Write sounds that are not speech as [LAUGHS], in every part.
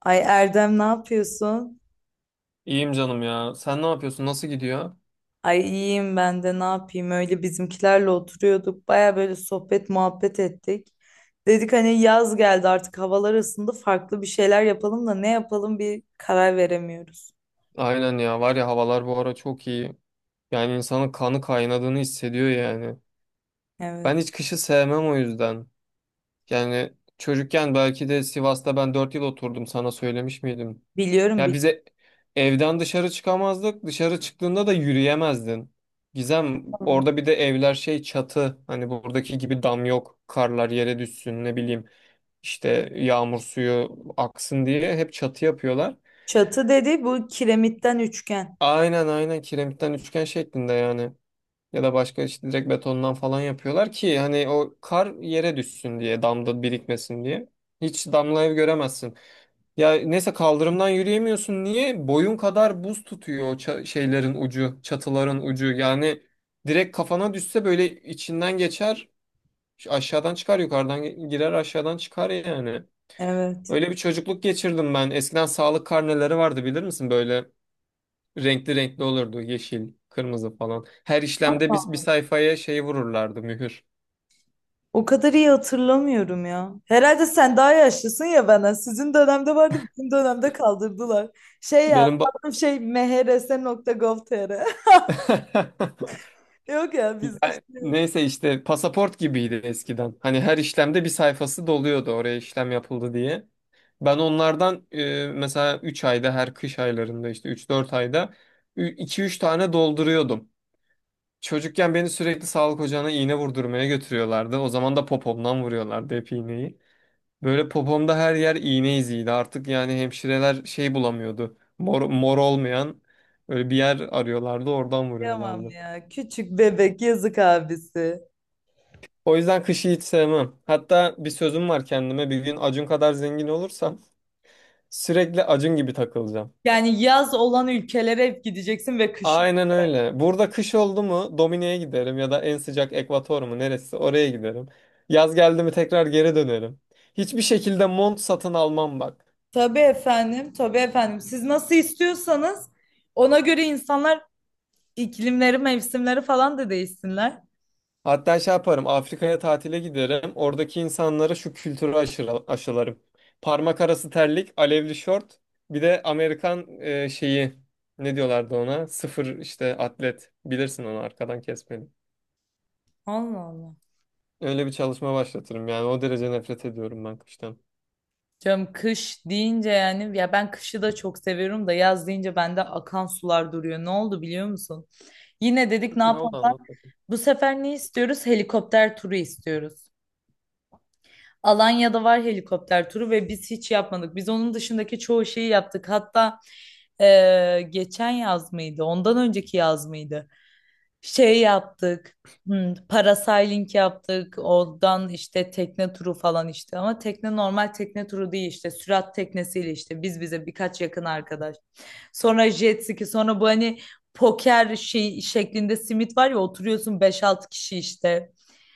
Ay Erdem ne yapıyorsun? İyiyim canım ya. Sen ne yapıyorsun? Nasıl gidiyor? Ay iyiyim ben de ne yapayım? Öyle bizimkilerle oturuyorduk. Baya böyle sohbet muhabbet ettik. Dedik hani yaz geldi artık havalar ısındı farklı bir şeyler yapalım da ne yapalım bir karar veremiyoruz. Aynen ya. Var ya havalar bu ara çok iyi. Yani insanın kanı kaynadığını hissediyor yani. Evet. Ben hiç kışı sevmem o yüzden. Yani çocukken belki de Sivas'ta ben 4 yıl oturdum. Sana söylemiş miydim? Biliyorum Ya bize evden dışarı çıkamazdık. Dışarı çıktığında da yürüyemezdin. Gizem biliyorum. orada bir de evler şey çatı. Hani buradaki gibi dam yok. Karlar yere düşsün ne bileyim. İşte yağmur suyu aksın diye hep çatı yapıyorlar. Çatı dedi bu kiremitten üçgen. Aynen aynen kiremitten üçgen şeklinde yani. Ya da başka işte direkt betondan falan yapıyorlar ki hani o kar yere düşsün diye damda birikmesin diye. Hiç damlayı göremezsin. Ya neyse kaldırımdan yürüyemiyorsun. Niye? Boyun kadar buz tutuyor şeylerin ucu, çatıların ucu. Yani direkt kafana düşse böyle içinden geçer, aşağıdan çıkar, yukarıdan girer, aşağıdan çıkar yani. Evet. Öyle bir çocukluk geçirdim ben. Eskiden sağlık karneleri vardı bilir misin böyle? Renkli renkli olurdu. Yeşil, kırmızı falan. Her işlemde biz bir sayfaya şey vururlardı mühür. O kadar iyi hatırlamıyorum ya. Herhalde sen daha yaşlısın ya bana. Sizin dönemde vardı, bizim dönemde kaldırdılar. Şey ya, Benim ba- şey MHRS nokta mehrs.gov.tr. [LAUGHS] Yok ya bizde Ya, şimdi neyse işte pasaport gibiydi eskiden. Hani her işlemde bir sayfası doluyordu oraya işlem yapıldı diye. Ben onlardan mesela 3 ayda her kış aylarında işte üç dört ayda iki üç tane dolduruyordum. Çocukken beni sürekli sağlık ocağına iğne vurdurmaya götürüyorlardı. O zaman da popomdan vuruyorlardı hep iğneyi. Böyle popomda her yer iğne iziydi. Artık yani hemşireler şey bulamıyordu. Mor, mor olmayan böyle bir yer arıyorlardı, oradan yapamam vuruyorlardı. ya. Küçük bebek yazık abisi. O yüzden kışı hiç sevmem. Hatta bir sözüm var kendime. Bir gün Acun kadar zengin olursam sürekli Acun gibi takılacağım. Yani yaz olan ülkelere hep gideceksin ve kış. Aynen öyle. Burada kış oldu mu Domine'ye giderim ya da en sıcak Ekvator mu neresi oraya giderim. Yaz geldi mi tekrar geri dönerim. Hiçbir şekilde mont satın almam bak. Tabii efendim, tabii efendim. Siz nasıl istiyorsanız ona göre insanlar iklimleri, mevsimleri falan da değişsinler. Hatta şey yaparım Afrika'ya tatile giderim. Oradaki insanlara şu kültürü aşılarım. Parmak arası terlik, alevli şort, bir de Amerikan şeyi ne diyorlardı ona? Sıfır işte atlet. Bilirsin onu arkadan kesmeli. Allah Allah. Öyle bir çalışma başlatırım yani o derece nefret ediyorum ben kıştan. Canım kış deyince yani ya ben kışı da çok seviyorum da yaz deyince bende akan sular duruyor. Ne oldu biliyor musun? Yine dedik ne Ne oldu yapalım? anlat bakayım. Bu sefer ne istiyoruz? Helikopter turu istiyoruz. Alanya'da var helikopter turu ve biz hiç yapmadık. Biz onun dışındaki çoğu şeyi yaptık. Hatta geçen yaz mıydı? Ondan önceki yaz mıydı? Şey yaptık. Parasailing yaptık. Oradan işte tekne turu falan işte. Ama tekne normal tekne turu değil işte. Sürat teknesiyle işte. Biz bize birkaç yakın arkadaş. Sonra jet ski. Sonra bu hani poker şey şeklinde simit var ya oturuyorsun beş altı kişi işte.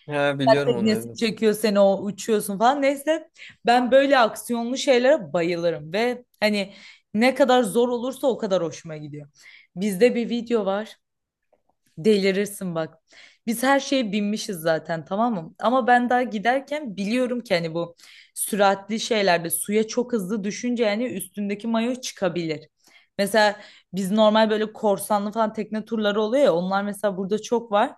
Ha biliyorum onu Teknesi evet. çekiyor seni o uçuyorsun falan. Neyse ben böyle aksiyonlu şeylere bayılırım ve hani ne kadar zor olursa o kadar hoşuma gidiyor. Bizde bir video var. Delirirsin bak. Biz her şeye binmişiz zaten tamam mı? Ama ben daha giderken biliyorum ki hani bu süratli şeylerde suya çok hızlı düşünce yani üstündeki mayo çıkabilir. Mesela biz normal böyle korsanlı falan tekne turları oluyor ya onlar mesela burada çok var.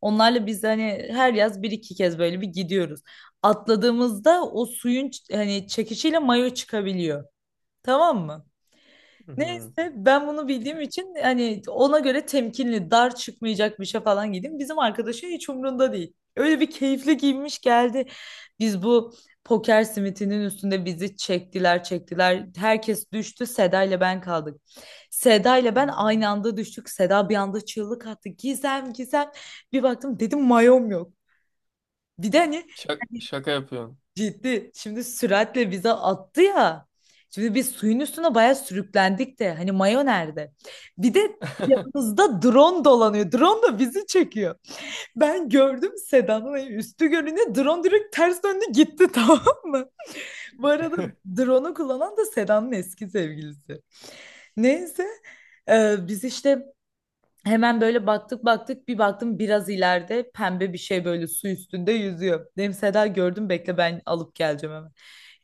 Onlarla biz hani her yaz bir iki kez böyle bir gidiyoruz. Atladığımızda o suyun hani çekişiyle mayo çıkabiliyor. Tamam mı? Hı. Neyse ben bunu bildiğim için hani ona göre temkinli, dar çıkmayacak bir şey falan giydim. Bizim arkadaşın hiç umrunda değil. Öyle bir keyifli giymiş geldi. Biz bu poker simitinin üstünde bizi çektiler, çektiler. Herkes düştü. Seda ile ben kaldık. Seda ile ben aynı anda düştük. Seda bir anda çığlık attı. Gizem, Gizem. Bir baktım dedim mayom yok. Bir de hani Şaka yapıyorum. ciddi. Şimdi süratle bize attı ya. Şimdi biz suyun üstüne bayağı sürüklendik de. Hani mayo nerede? Bir de [LAUGHS] yanımızda drone dolanıyor. Drone da bizi çekiyor. Ben gördüm Seda'nın hani üstü görünüyor. Drone direkt ters döndü gitti [LAUGHS] tamam mı? Bu arada drone'u kullanan da Seda'nın eski sevgilisi. Neyse. Biz işte hemen böyle baktık baktık bir baktım biraz ileride pembe bir şey böyle su üstünde yüzüyor. Dedim Seda gördüm bekle ben alıp geleceğim hemen.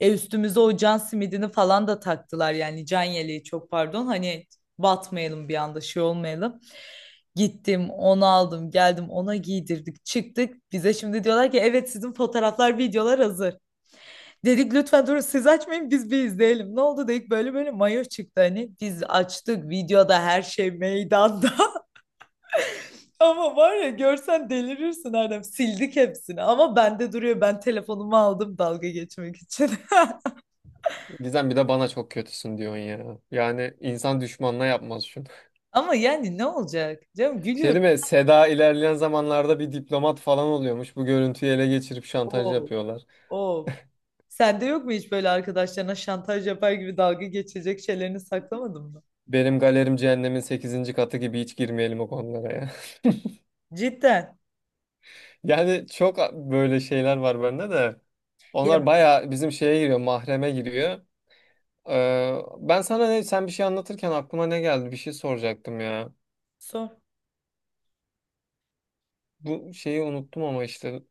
E üstümüze o can simidini falan da taktılar yani can yeleği çok pardon hani batmayalım bir anda şey olmayalım. Gittim onu aldım geldim ona giydirdik çıktık bize şimdi diyorlar ki evet sizin fotoğraflar videolar hazır. Dedik lütfen durun siz açmayın biz bir izleyelim. Ne oldu dedik böyle böyle mayo çıktı hani biz açtık videoda her şey meydanda. Ama var ya görsen delirirsin Erdem. Sildik hepsini ama bende duruyor. Ben telefonumu aldım dalga geçmek için. Gizem bir de bana çok kötüsün diyorsun ya. Yani insan düşmanına yapmaz şunu. [LAUGHS] Ama yani ne olacak? Canım Şey gülüyorum. değil mi? Seda ilerleyen zamanlarda bir diplomat falan oluyormuş. Bu görüntüyü ele geçirip şantaj Oo, yapıyorlar. oo. Sende yok mu hiç böyle arkadaşlarına şantaj yapar gibi dalga geçecek şeylerini saklamadın mı? Benim galerim cehennemin sekizinci katı gibi hiç girmeyelim o konulara ya. [LAUGHS] Cidden. Yani çok böyle şeyler var bende de. Onlar Ya bayağı bizim şeye giriyor, mahreme giriyor. Ben sana ne, sen bir şey anlatırken aklıma ne geldi? Bir şey soracaktım ya. sor. Bu şeyi unuttum ama işte.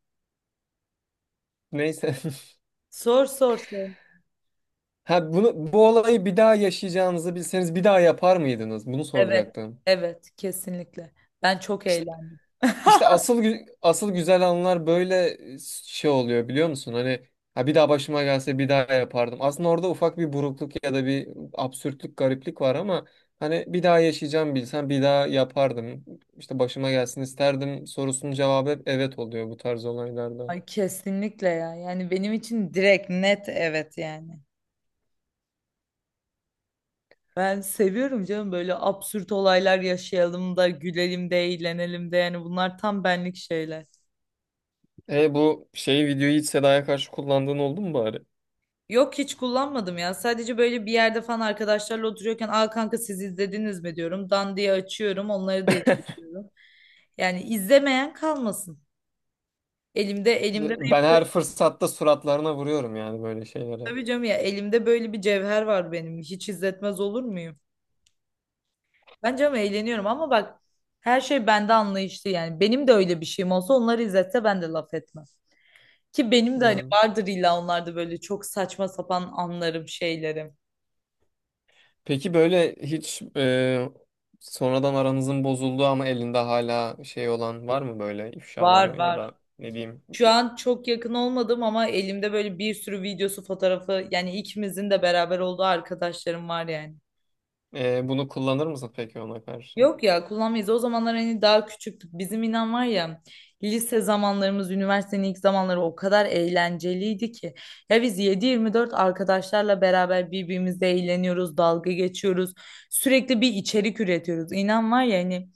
Neyse. [LAUGHS] Sor sor sor. Ha bunu bu olayı bir daha yaşayacağınızı bilseniz bir daha yapar mıydınız? Bunu Evet. soracaktım. Evet kesinlikle. Ben çok eğlendim. İşte [LAUGHS] asıl güzel anlar böyle şey oluyor biliyor musun? Hani ha bir daha başıma gelse bir daha yapardım. Aslında orada ufak bir burukluk ya da bir absürtlük, gariplik var ama hani bir daha yaşayacağım bilsem bir daha yapardım. İşte başıma gelsin isterdim sorusunun cevabı hep evet oluyor bu tarz olaylarda. Ay, kesinlikle ya. Yani benim için direkt net evet yani. Ben seviyorum canım böyle absürt olaylar yaşayalım da gülelim de eğlenelim de yani bunlar tam benlik şeyler. E bu şeyi videoyu hiç Seda'ya karşı kullandığın oldu mu bari? Yok hiç kullanmadım ya. Sadece böyle bir yerde falan arkadaşlarla oturuyorken "Aa kanka siz izlediniz mi?" diyorum. Dan diye açıyorum, onları da izliyorum. Yani izlemeyen kalmasın. Elimde benim Ben böyle, her fırsatta suratlarına vuruyorum yani böyle şeylere. tabii canım ya elimde böyle bir cevher var benim. Hiç izletmez olur muyum? Ben canım eğleniyorum ama bak her şey bende anlayışlı yani. Benim de öyle bir şeyim olsa onları izletse ben de laf etmem. Ki benim de hani Hmm. vardır illa onlarda böyle çok saçma sapan anlarım, şeylerim. Peki böyle hiç sonradan aranızın bozulduğu ama elinde hala şey olan var mı böyle Var ifşaları ya var. da ne diyeyim? Şu an çok yakın olmadım ama elimde böyle bir sürü videosu, fotoğrafı yani ikimizin de beraber olduğu arkadaşlarım var yani. Bunu kullanır mısın peki ona karşı? Yok ya kullanmayız. O zamanlar hani daha küçüktük. Bizim inan var ya lise zamanlarımız, üniversitenin ilk zamanları o kadar eğlenceliydi ki. Ya biz 7-24 arkadaşlarla beraber birbirimizle eğleniyoruz, dalga geçiyoruz. Sürekli bir içerik üretiyoruz. İnan var ya hani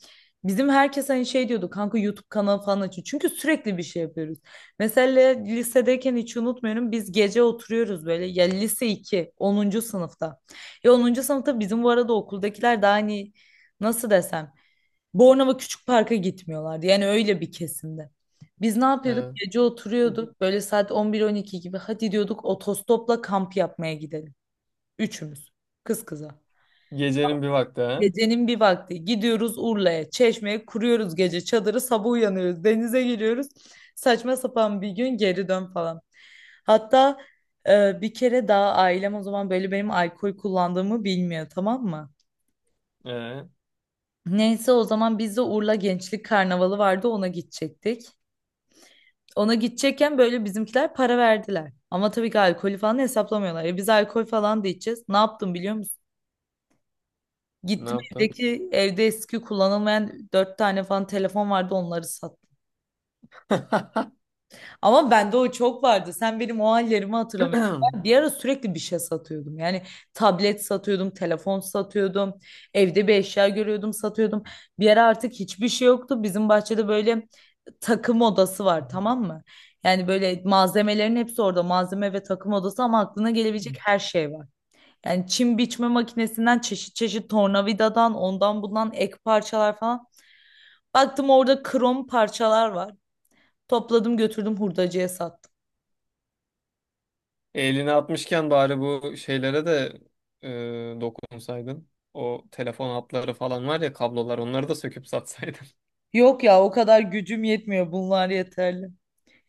bizim herkes hani şey diyordu kanka YouTube kanalı falan açın. Çünkü sürekli bir şey yapıyoruz. Mesela lisedeyken hiç unutmuyorum biz gece oturuyoruz böyle ya lise 2 10. sınıfta. Ya 10. sınıfta bizim bu arada okuldakiler daha hani nasıl desem Bornova Küçük Park'a gitmiyorlardı. Yani öyle bir kesimde. Biz ne yapıyorduk? Evet. Gece oturuyorduk. Böyle saat 11-12 gibi. Hadi diyorduk otostopla kamp yapmaya gidelim. Üçümüz. Kız kıza. Gecenin bir vakti ha? Gecenin bir vakti gidiyoruz Urla'ya, Çeşme'ye kuruyoruz gece çadırı. Sabah uyanıyoruz, denize giriyoruz. Saçma sapan bir gün geri dön falan. Hatta bir kere daha ailem o zaman böyle benim alkol kullandığımı bilmiyor tamam mı? E, Neyse o zaman biz de Urla Gençlik Karnavalı vardı ona gidecektik. Ona gidecekken böyle bizimkiler para verdiler. Ama tabii ki alkolü falan hesaplamıyorlar. E biz alkol falan da içeceğiz. Ne yaptım biliyor musun? ne Gittim yaptın? evdeki evde eski kullanılmayan dört tane falan telefon vardı onları sattım. [LAUGHS] Ama bende o çok vardı. Sen benim o hallerimi hatırlamıyorsun. Ben bir ara sürekli bir şey satıyordum. Yani tablet satıyordum, telefon satıyordum. Evde bir eşya görüyordum, satıyordum. Bir ara artık hiçbir şey yoktu. Bizim bahçede böyle takım odası var, tamam mı? Yani böyle malzemelerin hepsi orada. Malzeme ve takım odası ama aklına gelebilecek her şey var. Yani çim biçme makinesinden çeşit çeşit tornavidadan ondan bundan ek parçalar falan. Baktım orada krom parçalar var. Topladım götürdüm hurdacıya sattım. Elini atmışken bari bu şeylere de dokunsaydın. O telefon hatları falan var ya kablolar onları da söküp satsaydın. Yok ya o kadar gücüm yetmiyor. Bunlar yeterli.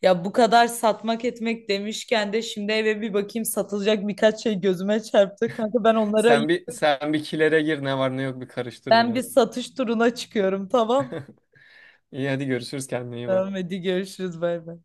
Ya bu kadar satmak etmek demişken de şimdi eve bir bakayım satılacak birkaç şey gözüme çarptı. Kanka ben [LAUGHS] onlara Sen bir kilere gir ne var ne yok bir karıştır ben bir biraz. satış turuna çıkıyorum tamam. İyi hadi görüşürüz kendine iyi Tamam bak. hadi görüşürüz bay bay.